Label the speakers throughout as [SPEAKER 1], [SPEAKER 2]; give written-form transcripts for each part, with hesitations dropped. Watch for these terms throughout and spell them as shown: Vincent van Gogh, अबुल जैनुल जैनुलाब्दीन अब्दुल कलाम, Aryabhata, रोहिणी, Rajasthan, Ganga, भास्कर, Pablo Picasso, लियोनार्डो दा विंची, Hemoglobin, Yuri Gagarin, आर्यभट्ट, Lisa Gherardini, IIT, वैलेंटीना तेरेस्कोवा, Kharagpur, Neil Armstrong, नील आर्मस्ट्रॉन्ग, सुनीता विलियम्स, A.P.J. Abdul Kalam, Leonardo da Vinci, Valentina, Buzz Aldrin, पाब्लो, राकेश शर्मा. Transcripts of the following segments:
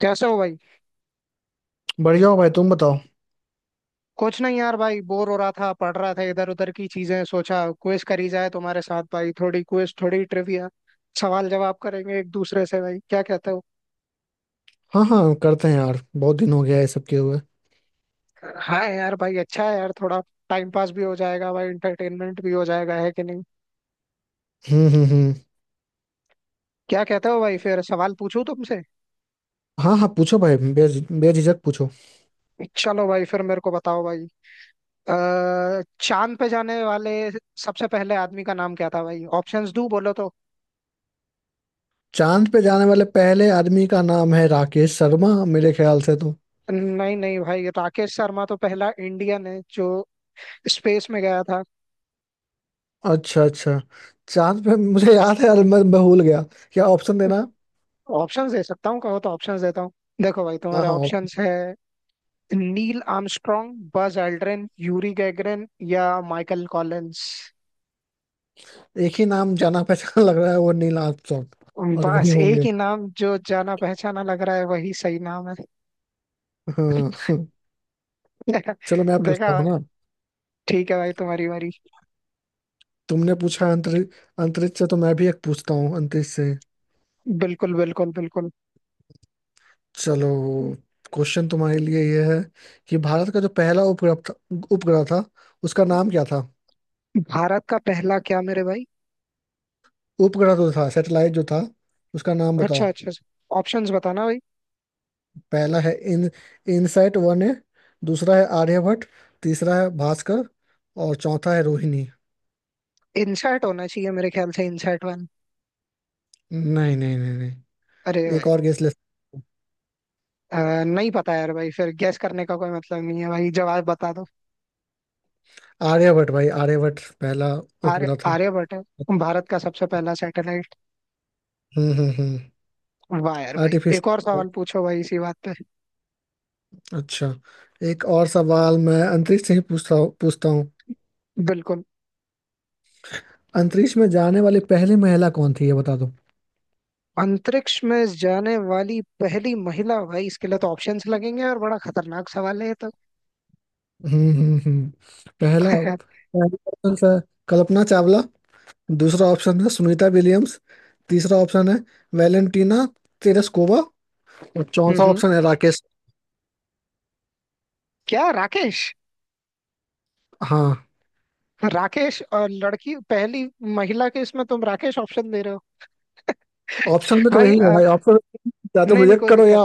[SPEAKER 1] कैसे हो भाई।
[SPEAKER 2] बढ़िया हो भाई, तुम बताओ।
[SPEAKER 1] कुछ नहीं यार भाई, बोर हो रहा था, पढ़ रहा था, इधर उधर की चीजें सोचा क्विज करी जाए तुम्हारे साथ। भाई थोड़ी क्विज, थोड़ी ट्रिविया, सवाल जवाब करेंगे एक दूसरे से भाई। क्या कहते हो?
[SPEAKER 2] हाँ हाँ, करते हैं यार, बहुत दिन हो गया है सब किए हुए।
[SPEAKER 1] हाँ यार भाई, अच्छा है यार, थोड़ा टाइम पास भी हो जाएगा भाई, इंटरटेनमेंट भी हो जाएगा, है कि नहीं?
[SPEAKER 2] हम्म।
[SPEAKER 1] क्या कहते हो भाई, फिर सवाल पूछूं तुमसे?
[SPEAKER 2] हाँ हाँ, पूछो भाई, बेझिझक पूछो।
[SPEAKER 1] चलो भाई, फिर मेरे को बताओ भाई। अ, चांद पे जाने वाले सबसे पहले आदमी का नाम क्या था भाई? ऑप्शंस दू बोलो तो?
[SPEAKER 2] चांद पे जाने वाले पहले आदमी का नाम है राकेश शर्मा, मेरे ख्याल से तो।
[SPEAKER 1] नहीं नहीं भाई, राकेश शर्मा तो पहला इंडियन है जो स्पेस में गया था।
[SPEAKER 2] अच्छा अच्छा। चांद पे मुझे याद है यार, मैं भूल गया। क्या ऑप्शन देना।
[SPEAKER 1] ऑप्शंस दे सकता हूँ कहो तो, ऑप्शंस देता हूँ। देखो भाई,
[SPEAKER 2] हाँ
[SPEAKER 1] तुम्हारे
[SPEAKER 2] हाँ,
[SPEAKER 1] ऑप्शंस है नील आर्मस्ट्रॉन्ग, Buzz Aldrin, Yuri Gagarin या माइकल कॉलिंस।
[SPEAKER 2] एक ही नाम जाना पहचान लग रहा है, वो नील आर्मस्ट्रॉन्ग, और वही
[SPEAKER 1] बस एक
[SPEAKER 2] होंगे।
[SPEAKER 1] ही नाम जो जाना पहचाना लग रहा है, वही सही नाम है।
[SPEAKER 2] हाँ हाँ। चलो मैं
[SPEAKER 1] देखा
[SPEAKER 2] पूछता हूँ
[SPEAKER 1] भाई?
[SPEAKER 2] ना।
[SPEAKER 1] ठीक है भाई, तुम्हारी बारी।
[SPEAKER 2] तुमने पूछा अंतरिक्ष। अंतरिक्ष से तो मैं भी एक पूछता हूँ अंतरिक्ष से।
[SPEAKER 1] बिल्कुल बिल्कुल बिल्कुल।
[SPEAKER 2] चलो, क्वेश्चन तुम्हारे लिए ये है कि भारत का जो पहला उपग्रह था, उपग्रह था उसका नाम क्या था।
[SPEAKER 1] भारत का पहला क्या मेरे भाई?
[SPEAKER 2] उपग्रह जो था, सैटेलाइट जो था, उसका नाम बताओ।
[SPEAKER 1] अच्छा अच्छा। ऑप्शंस बताना भाई।
[SPEAKER 2] पहला है इन इनसैट वन है। दूसरा है आर्यभट्ट। तीसरा है भास्कर। और चौथा है रोहिणी।
[SPEAKER 1] इनसैट होना चाहिए मेरे ख्याल से, इनसैट वन।
[SPEAKER 2] नहीं नहीं नहीं नहीं,
[SPEAKER 1] अरे
[SPEAKER 2] एक
[SPEAKER 1] भाई!
[SPEAKER 2] और गेस ले सकते
[SPEAKER 1] अ, नहीं पता यार भाई, फिर गैस करने का कोई मतलब नहीं है भाई, जवाब बता दो।
[SPEAKER 2] हो। आर्यभट्ट भाई, आर्यभट्ट पहला
[SPEAKER 1] आर्य
[SPEAKER 2] उपग्रह था।
[SPEAKER 1] आर्यभट्ट है भारत का सबसे पहला सैटेलाइट।
[SPEAKER 2] हम्म।
[SPEAKER 1] वाह यार भाई, एक और
[SPEAKER 2] आर्टिफिशियल।
[SPEAKER 1] सवाल पूछो भाई इसी बात पे।
[SPEAKER 2] अच्छा, एक और सवाल मैं अंतरिक्ष से ही पूछता पूछता हूँ।
[SPEAKER 1] बिल्कुल।
[SPEAKER 2] अंतरिक्ष में जाने वाली पहली महिला कौन थी ये बता दो।
[SPEAKER 1] अंतरिक्ष में जाने वाली पहली महिला भाई, इसके लिए तो ऑप्शंस लगेंगे, और बड़ा खतरनाक सवाल है ये तो।
[SPEAKER 2] हम्म हम्म हम्म। पहला
[SPEAKER 1] हम्म
[SPEAKER 2] पहला ऑप्शन है कल्पना चावला। दूसरा ऑप्शन है सुनीता विलियम्स। तीसरा ऑप्शन है वैलेंटीना तेरेस्कोवा। और चौथा
[SPEAKER 1] हम्म।
[SPEAKER 2] ऑप्शन है राकेश।
[SPEAKER 1] क्या राकेश?
[SPEAKER 2] हाँ।
[SPEAKER 1] राकेश और लड़की, पहली महिला के इसमें तुम राकेश ऑप्शन दे रहे हो?
[SPEAKER 2] ऑप्शन में तो
[SPEAKER 1] भाई
[SPEAKER 2] वही है भाई। ऑप्शन, या तो
[SPEAKER 1] नहीं नहीं,
[SPEAKER 2] रिजेक्ट
[SPEAKER 1] कोई
[SPEAKER 2] करो
[SPEAKER 1] दिक्कत
[SPEAKER 2] या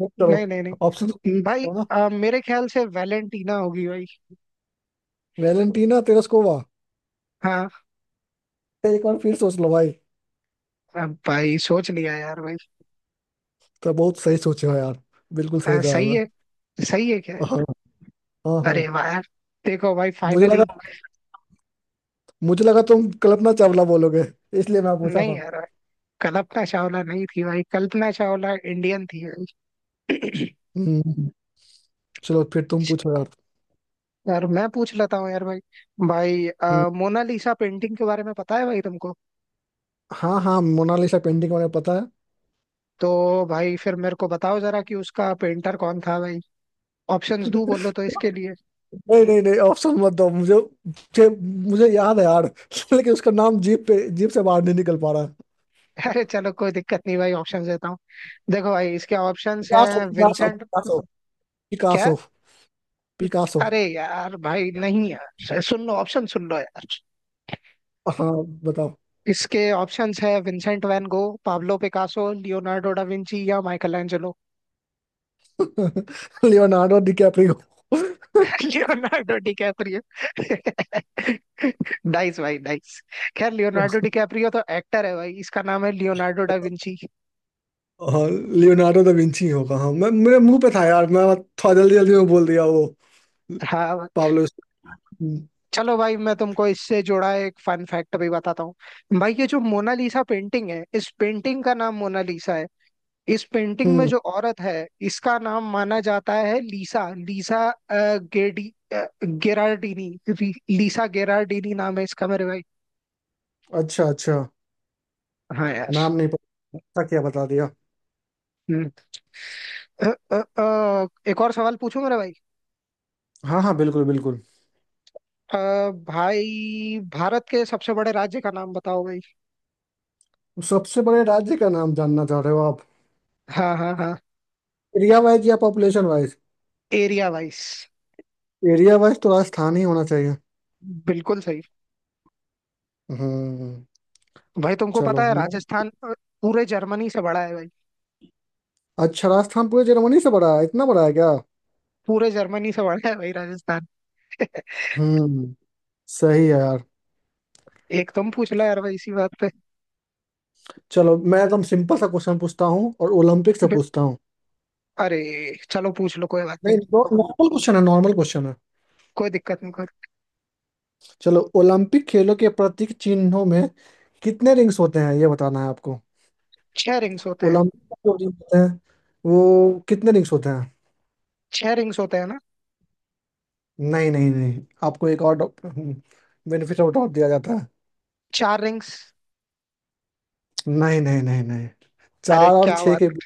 [SPEAKER 2] बुक करो।
[SPEAKER 1] नहीं। नहीं नहीं
[SPEAKER 2] ऑप्शन
[SPEAKER 1] नहीं भाई,
[SPEAKER 2] तो है ना।
[SPEAKER 1] मेरे ख्याल से वैलेंटीना होगी भाई।
[SPEAKER 2] वैलेंटीना तेरेस्कोवा,
[SPEAKER 1] हाँ।
[SPEAKER 2] एक बार फिर सोच लो भाई।
[SPEAKER 1] अब भाई सोच लिया यार भाई।
[SPEAKER 2] तो बहुत सही सोचे हो यार, बिल्कुल सही जवाब
[SPEAKER 1] सही
[SPEAKER 2] है।
[SPEAKER 1] है। सही है क्या?
[SPEAKER 2] हाँ हाँ हाँ।
[SPEAKER 1] अरे वाह यार! देखो भाई,
[SPEAKER 2] मुझे
[SPEAKER 1] फाइनली।
[SPEAKER 2] लगा, तुम कल्पना चावला बोलोगे, इसलिए मैं पूछा
[SPEAKER 1] नहीं
[SPEAKER 2] था।
[SPEAKER 1] यार भाई, कल्पना चावला नहीं थी भाई, कल्पना चावला इंडियन थी भाई।
[SPEAKER 2] हम्म। चलो फिर तुम पूछो यार।
[SPEAKER 1] यार मैं पूछ लेता हूँ यार भाई। भाई
[SPEAKER 2] हम्म।
[SPEAKER 1] मोनालिसा पेंटिंग के बारे में पता है भाई तुमको?
[SPEAKER 2] हाँ हाँ, मोनालिसा पेंटिंग मुझे पता है।
[SPEAKER 1] तो भाई फिर मेरे को बताओ जरा कि उसका पेंटर कौन था भाई। ऑप्शंस दू बोलो तो इसके लिए?
[SPEAKER 2] नहीं नहीं नहीं, ऑप्शन मत दो मुझे। मुझे मुझे याद है यार लेकिन उसका नाम जीप से बाहर नहीं निकल पा रहा है।
[SPEAKER 1] अरे चलो कोई दिक्कत नहीं भाई, ऑप्शंस देता हूँ। देखो भाई, इसके ऑप्शंस
[SPEAKER 2] पिकासो
[SPEAKER 1] हैं
[SPEAKER 2] पिकासो
[SPEAKER 1] विंसेंट।
[SPEAKER 2] पिकासो
[SPEAKER 1] क्या?
[SPEAKER 2] Picasso Picasso.
[SPEAKER 1] अरे यार भाई, नहीं यार, सुन लो ऑप्शन, सुन लो यार।
[SPEAKER 2] हाँ, बताओ।
[SPEAKER 1] इसके ऑप्शंस है Vincent van Gogh, पाब्लो Picasso, Leonardo da Vinci या Michael Angelo.
[SPEAKER 2] Leonardo DiCaprio.
[SPEAKER 1] Leonardo DiCaprio. Nice भाई, नाइस। खैर, लियोनार्डो डिकैप्रियो तो एक्टर है भाई, इसका नाम है लियोनार्डो डा विंची।
[SPEAKER 2] और लियोनार्डो दा विंची होगा, हाँ, मैं मेरे मुंह पे था यार, मैं थोड़ा जल्दी जल्दी में बोल दिया वो।
[SPEAKER 1] हाँ भाई।
[SPEAKER 2] पाब्लो। हम्म
[SPEAKER 1] चलो भाई, मैं तुमको इससे जुड़ा एक फन फैक्ट भी बताता हूँ भाई। ये जो मोनालिसा पेंटिंग है, इस पेंटिंग का नाम मोनालिसा है। इस पेंटिंग में
[SPEAKER 2] हम्म,
[SPEAKER 1] जो औरत है, इसका नाम माना जाता है लीसा लीसा गेडी अ, लीसा गेरार्डिनी नाम है इसका मेरे भाई।
[SPEAKER 2] अच्छा अच्छा,
[SPEAKER 1] हाँ यार।
[SPEAKER 2] नाम नहीं पता था क्या बता दिया।
[SPEAKER 1] हम्म। अ, एक और सवाल पूछूं मेरे भाई?
[SPEAKER 2] हाँ हाँ, बिल्कुल बिल्कुल।
[SPEAKER 1] अ, भाई भारत के सबसे बड़े राज्य का नाम बताओ भाई।
[SPEAKER 2] सबसे बड़े राज्य का नाम जानना चाह रहे हो आप।
[SPEAKER 1] हाँ हाँ हाँ।
[SPEAKER 2] एरिया वाइज या population wise.
[SPEAKER 1] Area wise.
[SPEAKER 2] Area wise तो राजस्थान ही होना चाहिए।
[SPEAKER 1] बिल्कुल सही
[SPEAKER 2] हम्म।
[SPEAKER 1] भाई। तुमको पता
[SPEAKER 2] चलो
[SPEAKER 1] है
[SPEAKER 2] मैं-
[SPEAKER 1] राजस्थान पूरे जर्मनी से बड़ा है भाई,
[SPEAKER 2] अच्छा, राजस्थान पूरे जर्मनी से बड़ा है, इतना बड़ा है क्या।
[SPEAKER 1] पूरे जर्मनी से बड़ा है भाई राजस्थान।
[SPEAKER 2] हम्म, सही है यार।
[SPEAKER 1] एक तुम पूछ लो यार भाई इसी बात
[SPEAKER 2] चलो मैं एकदम सिंपल सा क्वेश्चन पूछता हूँ और ओलंपिक से
[SPEAKER 1] पे।
[SPEAKER 2] पूछता हूँ।
[SPEAKER 1] अरे चलो पूछ लो, कोई बात
[SPEAKER 2] नहीं,
[SPEAKER 1] नहीं,
[SPEAKER 2] नॉर्मल क्वेश्चन है, नॉर्मल क्वेश्चन है।
[SPEAKER 1] कोई दिक्कत नहीं, कोई।
[SPEAKER 2] चलो, ओलंपिक खेलों के प्रतीक चिन्हों में कितने रिंग्स होते हैं ये बताना है आपको।
[SPEAKER 1] छह रिंग्स होते हैं।
[SPEAKER 2] ओलंपिक का जो रिंग होता है, वो कितने रिंग्स होते हैं।
[SPEAKER 1] छह रिंग्स होते हैं ना?
[SPEAKER 2] नहीं नहीं नहीं, आपको एक और बेनिफिट ऑफ डाउट दिया जाता है।
[SPEAKER 1] चार रिंग्स।
[SPEAKER 2] नहीं नहीं नहीं नहीं,
[SPEAKER 1] अरे
[SPEAKER 2] चार और
[SPEAKER 1] क्या
[SPEAKER 2] छह
[SPEAKER 1] बात!
[SPEAKER 2] के बीच।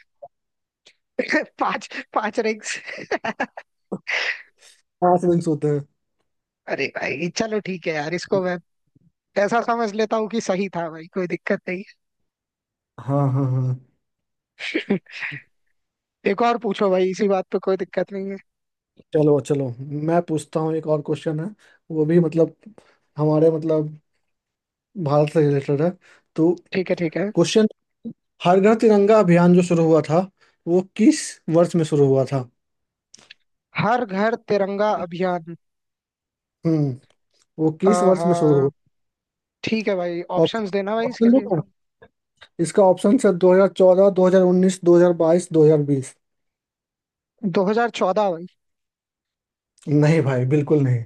[SPEAKER 1] पांच। पांच रिंग्स।
[SPEAKER 2] पांच रिंग्स होते हैं।
[SPEAKER 1] अरे भाई चलो, ठीक है यार, इसको मैं ऐसा समझ लेता हूँ कि सही था भाई, कोई दिक्कत नहीं
[SPEAKER 2] हाँ हाँ हाँ।
[SPEAKER 1] है। एक और पूछो भाई इसी बात पे, कोई दिक्कत नहीं है।
[SPEAKER 2] चलो चलो, मैं पूछता हूँ, एक और क्वेश्चन है, वो भी मतलब, हमारे मतलब, भारत से रिलेटेड है। तो,
[SPEAKER 1] ठीक है, ठीक है।
[SPEAKER 2] क्वेश्चन, हर घर तिरंगा अभियान जो शुरू हुआ था, वो किस वर्ष में शुरू हुआ था।
[SPEAKER 1] हर घर तिरंगा अभियान।
[SPEAKER 2] हम्म, वो किस वर्ष में शुरू हुआ।
[SPEAKER 1] आहा। ठीक है भाई, ऑप्शंस
[SPEAKER 2] ऑप्शन,
[SPEAKER 1] देना भाई इसके
[SPEAKER 2] ऑप्शन दो
[SPEAKER 1] लिए।
[SPEAKER 2] तो। इसका ऑप्शन सर 2014, 2019, 2022, 2020।
[SPEAKER 1] 2014 भाई।
[SPEAKER 2] नहीं भाई, बिल्कुल नहीं।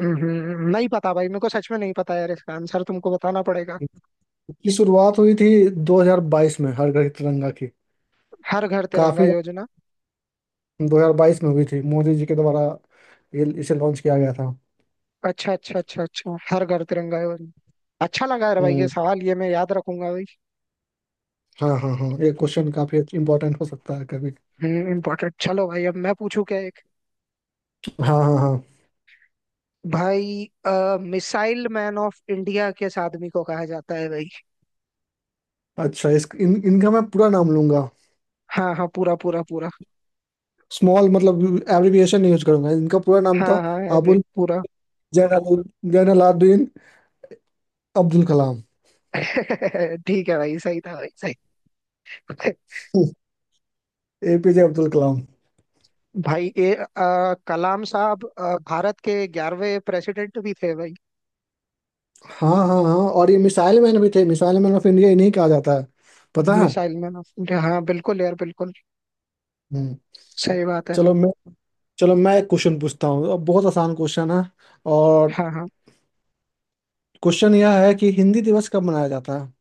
[SPEAKER 1] नहीं पता भाई, मेरे को सच में नहीं पता यार, इसका आंसर तुमको बताना पड़ेगा।
[SPEAKER 2] इसकी शुरुआत हुई थी 2022 में, हर घर की तिरंगा की
[SPEAKER 1] हर घर तिरंगा
[SPEAKER 2] काफी
[SPEAKER 1] योजना।
[SPEAKER 2] 2022 में हुई थी मोदी जी के द्वारा, ये इसे लॉन्च किया गया था।
[SPEAKER 1] अच्छा अच्छा अच्छा अच्छा, हर घर तिरंगा है भाई। अच्छा लगा यार भाई, ये
[SPEAKER 2] हम्म।
[SPEAKER 1] सवाल ये मैं याद रखूंगा भाई।
[SPEAKER 2] हाँ हाँ हाँ, ये क्वेश्चन काफी इंपॉर्टेंट हो सकता है कभी।
[SPEAKER 1] इम्पोर्टेंट। चलो भाई, अब मैं पूछू क्या एक?
[SPEAKER 2] हाँ हाँ हाँ,
[SPEAKER 1] भाई मिसाइल मैन ऑफ इंडिया किस आदमी को कहा जाता है भाई?
[SPEAKER 2] अच्छा, इनका मैं पूरा नाम लूंगा।
[SPEAKER 1] हाँ हाँ, पूरा पूरा पूरा।
[SPEAKER 2] स्मॉल मतलब एब्रिविएशन यूज करूंगा, इनका पूरा नाम था
[SPEAKER 1] हाँ हाँ एवरी
[SPEAKER 2] अबुल
[SPEAKER 1] पूरा।
[SPEAKER 2] जैनुल जैनुलाब्दीन अब्दुल कलाम।
[SPEAKER 1] ठीक है भाई, सही था भाई, सही।
[SPEAKER 2] एपीजे अब्दुल कलाम।
[SPEAKER 1] भाई ये कलाम साहब भारत के 11वें प्रेसिडेंट भी थे भाई।
[SPEAKER 2] हाँ हाँ हाँ हाँ, और ये मिसाइल मैन भी थे, मिसाइल मैन ऑफ इंडिया इन्हीं कहा जाता है, पता है।
[SPEAKER 1] मिसाइल मैन ऑफ इंडिया, हाँ बिल्कुल यार बिल्कुल।
[SPEAKER 2] हम्म।
[SPEAKER 1] सही बात है।
[SPEAKER 2] चलो मैं चलो मैं एक क्वेश्चन पूछता हूँ, अब बहुत आसान क्वेश्चन है और,
[SPEAKER 1] हाँ हाँ।
[SPEAKER 2] क्वेश्चन यह है कि हिंदी दिवस कब मनाया जाता है।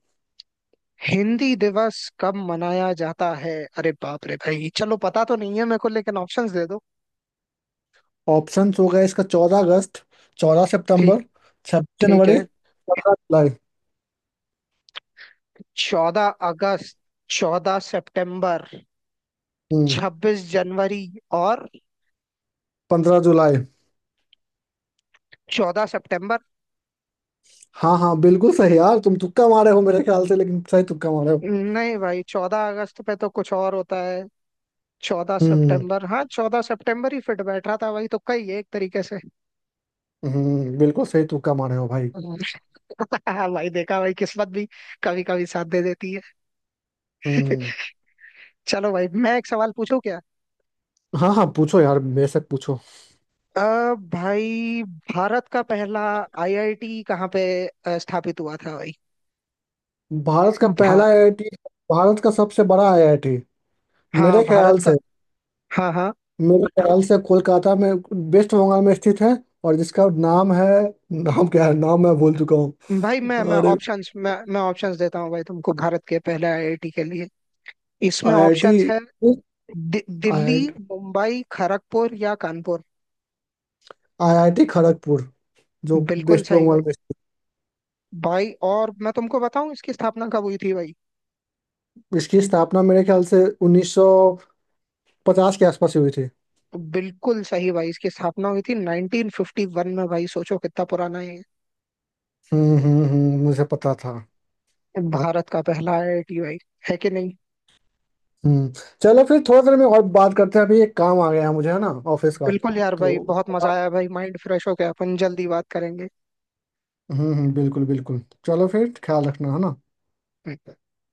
[SPEAKER 1] हिंदी दिवस कब मनाया जाता है? अरे बाप रे भाई, चलो पता तो नहीं है मेरे को लेकिन ऑप्शंस दे दो।
[SPEAKER 2] ऑप्शन हो गए इसका, 14 अगस्त, चौदह
[SPEAKER 1] ठीक।
[SPEAKER 2] सितंबर छब्बीस
[SPEAKER 1] ठीक
[SPEAKER 2] जनवरी
[SPEAKER 1] है।
[SPEAKER 2] 15 जुलाई।
[SPEAKER 1] 14 अगस्त, 14 सितंबर,
[SPEAKER 2] हम्म,
[SPEAKER 1] 26 जनवरी और
[SPEAKER 2] 15 जुलाई।
[SPEAKER 1] 14 सितंबर।
[SPEAKER 2] हाँ हाँ, बिल्कुल सही यार, तुम तुक्का मारे हो मेरे ख्याल से, लेकिन सही तुक्का मारे हो।
[SPEAKER 1] नहीं भाई, 14 अगस्त पे तो कुछ और होता है। चौदह
[SPEAKER 2] हम्म
[SPEAKER 1] सितंबर हाँ 14 सितंबर ही फिट बैठ रहा था भाई, तो कही है एक तरीके से।
[SPEAKER 2] हम्म, बिल्कुल सही तुक्का मारे हो भाई।
[SPEAKER 1] भाई देखा भाई, किस्मत भी कभी कभी साथ दे देती है।
[SPEAKER 2] हम्म।
[SPEAKER 1] चलो भाई, मैं एक सवाल पूछूं क्या?
[SPEAKER 2] हाँ हाँ, पूछो यार, बेशक पूछो।
[SPEAKER 1] अ, भाई भारत का पहला आईआईटी कहाँ पे स्थापित हुआ था भाई?
[SPEAKER 2] भारत का पहला
[SPEAKER 1] भार
[SPEAKER 2] आईआईटी, भारत का सबसे बड़ा आईआईटी,
[SPEAKER 1] हाँ
[SPEAKER 2] मेरे
[SPEAKER 1] भारत
[SPEAKER 2] ख्याल
[SPEAKER 1] का।
[SPEAKER 2] से
[SPEAKER 1] हाँ हाँ
[SPEAKER 2] मेरे ख्याल से कोलकाता में, वेस्ट बंगाल में स्थित है। और जिसका नाम है, नाम क्या है, नाम मैं भूल चुका
[SPEAKER 1] भाई, मैं
[SPEAKER 2] हूँ।
[SPEAKER 1] मैं
[SPEAKER 2] अरे,
[SPEAKER 1] ऑप्शंस, मैं ऑप्शंस देता हूँ भाई तुमको भारत के पहले आईआईटी के लिए। इसमें
[SPEAKER 2] आईआईटी
[SPEAKER 1] ऑप्शंस है दिल्ली,
[SPEAKER 2] आईआईटी
[SPEAKER 1] मुंबई, खड़गपुर या कानपुर।
[SPEAKER 2] आईआईटी खड़गपुर जो
[SPEAKER 1] बिल्कुल
[SPEAKER 2] वेस्ट
[SPEAKER 1] सही भाई।
[SPEAKER 2] बंगाल में स्थित
[SPEAKER 1] भाई और मैं तुमको बताऊं इसकी स्थापना कब हुई थी भाई?
[SPEAKER 2] है। इसकी स्थापना मेरे ख्याल से 1950 के आसपास हुई थी।
[SPEAKER 1] बिल्कुल सही भाई, इसकी स्थापना हुई थी 1951 में भाई, सोचो कितना पुराना है ये।
[SPEAKER 2] हम्म, मुझे पता था।
[SPEAKER 1] भारत का पहला आईआईटी भाई, है कि नहीं?
[SPEAKER 2] हम्म, चलो फिर थोड़ा देर में और बात करते हैं, अभी एक काम आ गया है मुझे, है ना, ऑफिस का
[SPEAKER 1] बिल्कुल यार भाई,
[SPEAKER 2] तो।
[SPEAKER 1] बहुत मजा आया भाई, माइंड फ्रेश हो गया, अपन जल्दी बात करेंगे।
[SPEAKER 2] बिल्कुल बिल्कुल। चलो फिर, ख्याल रखना, है ना।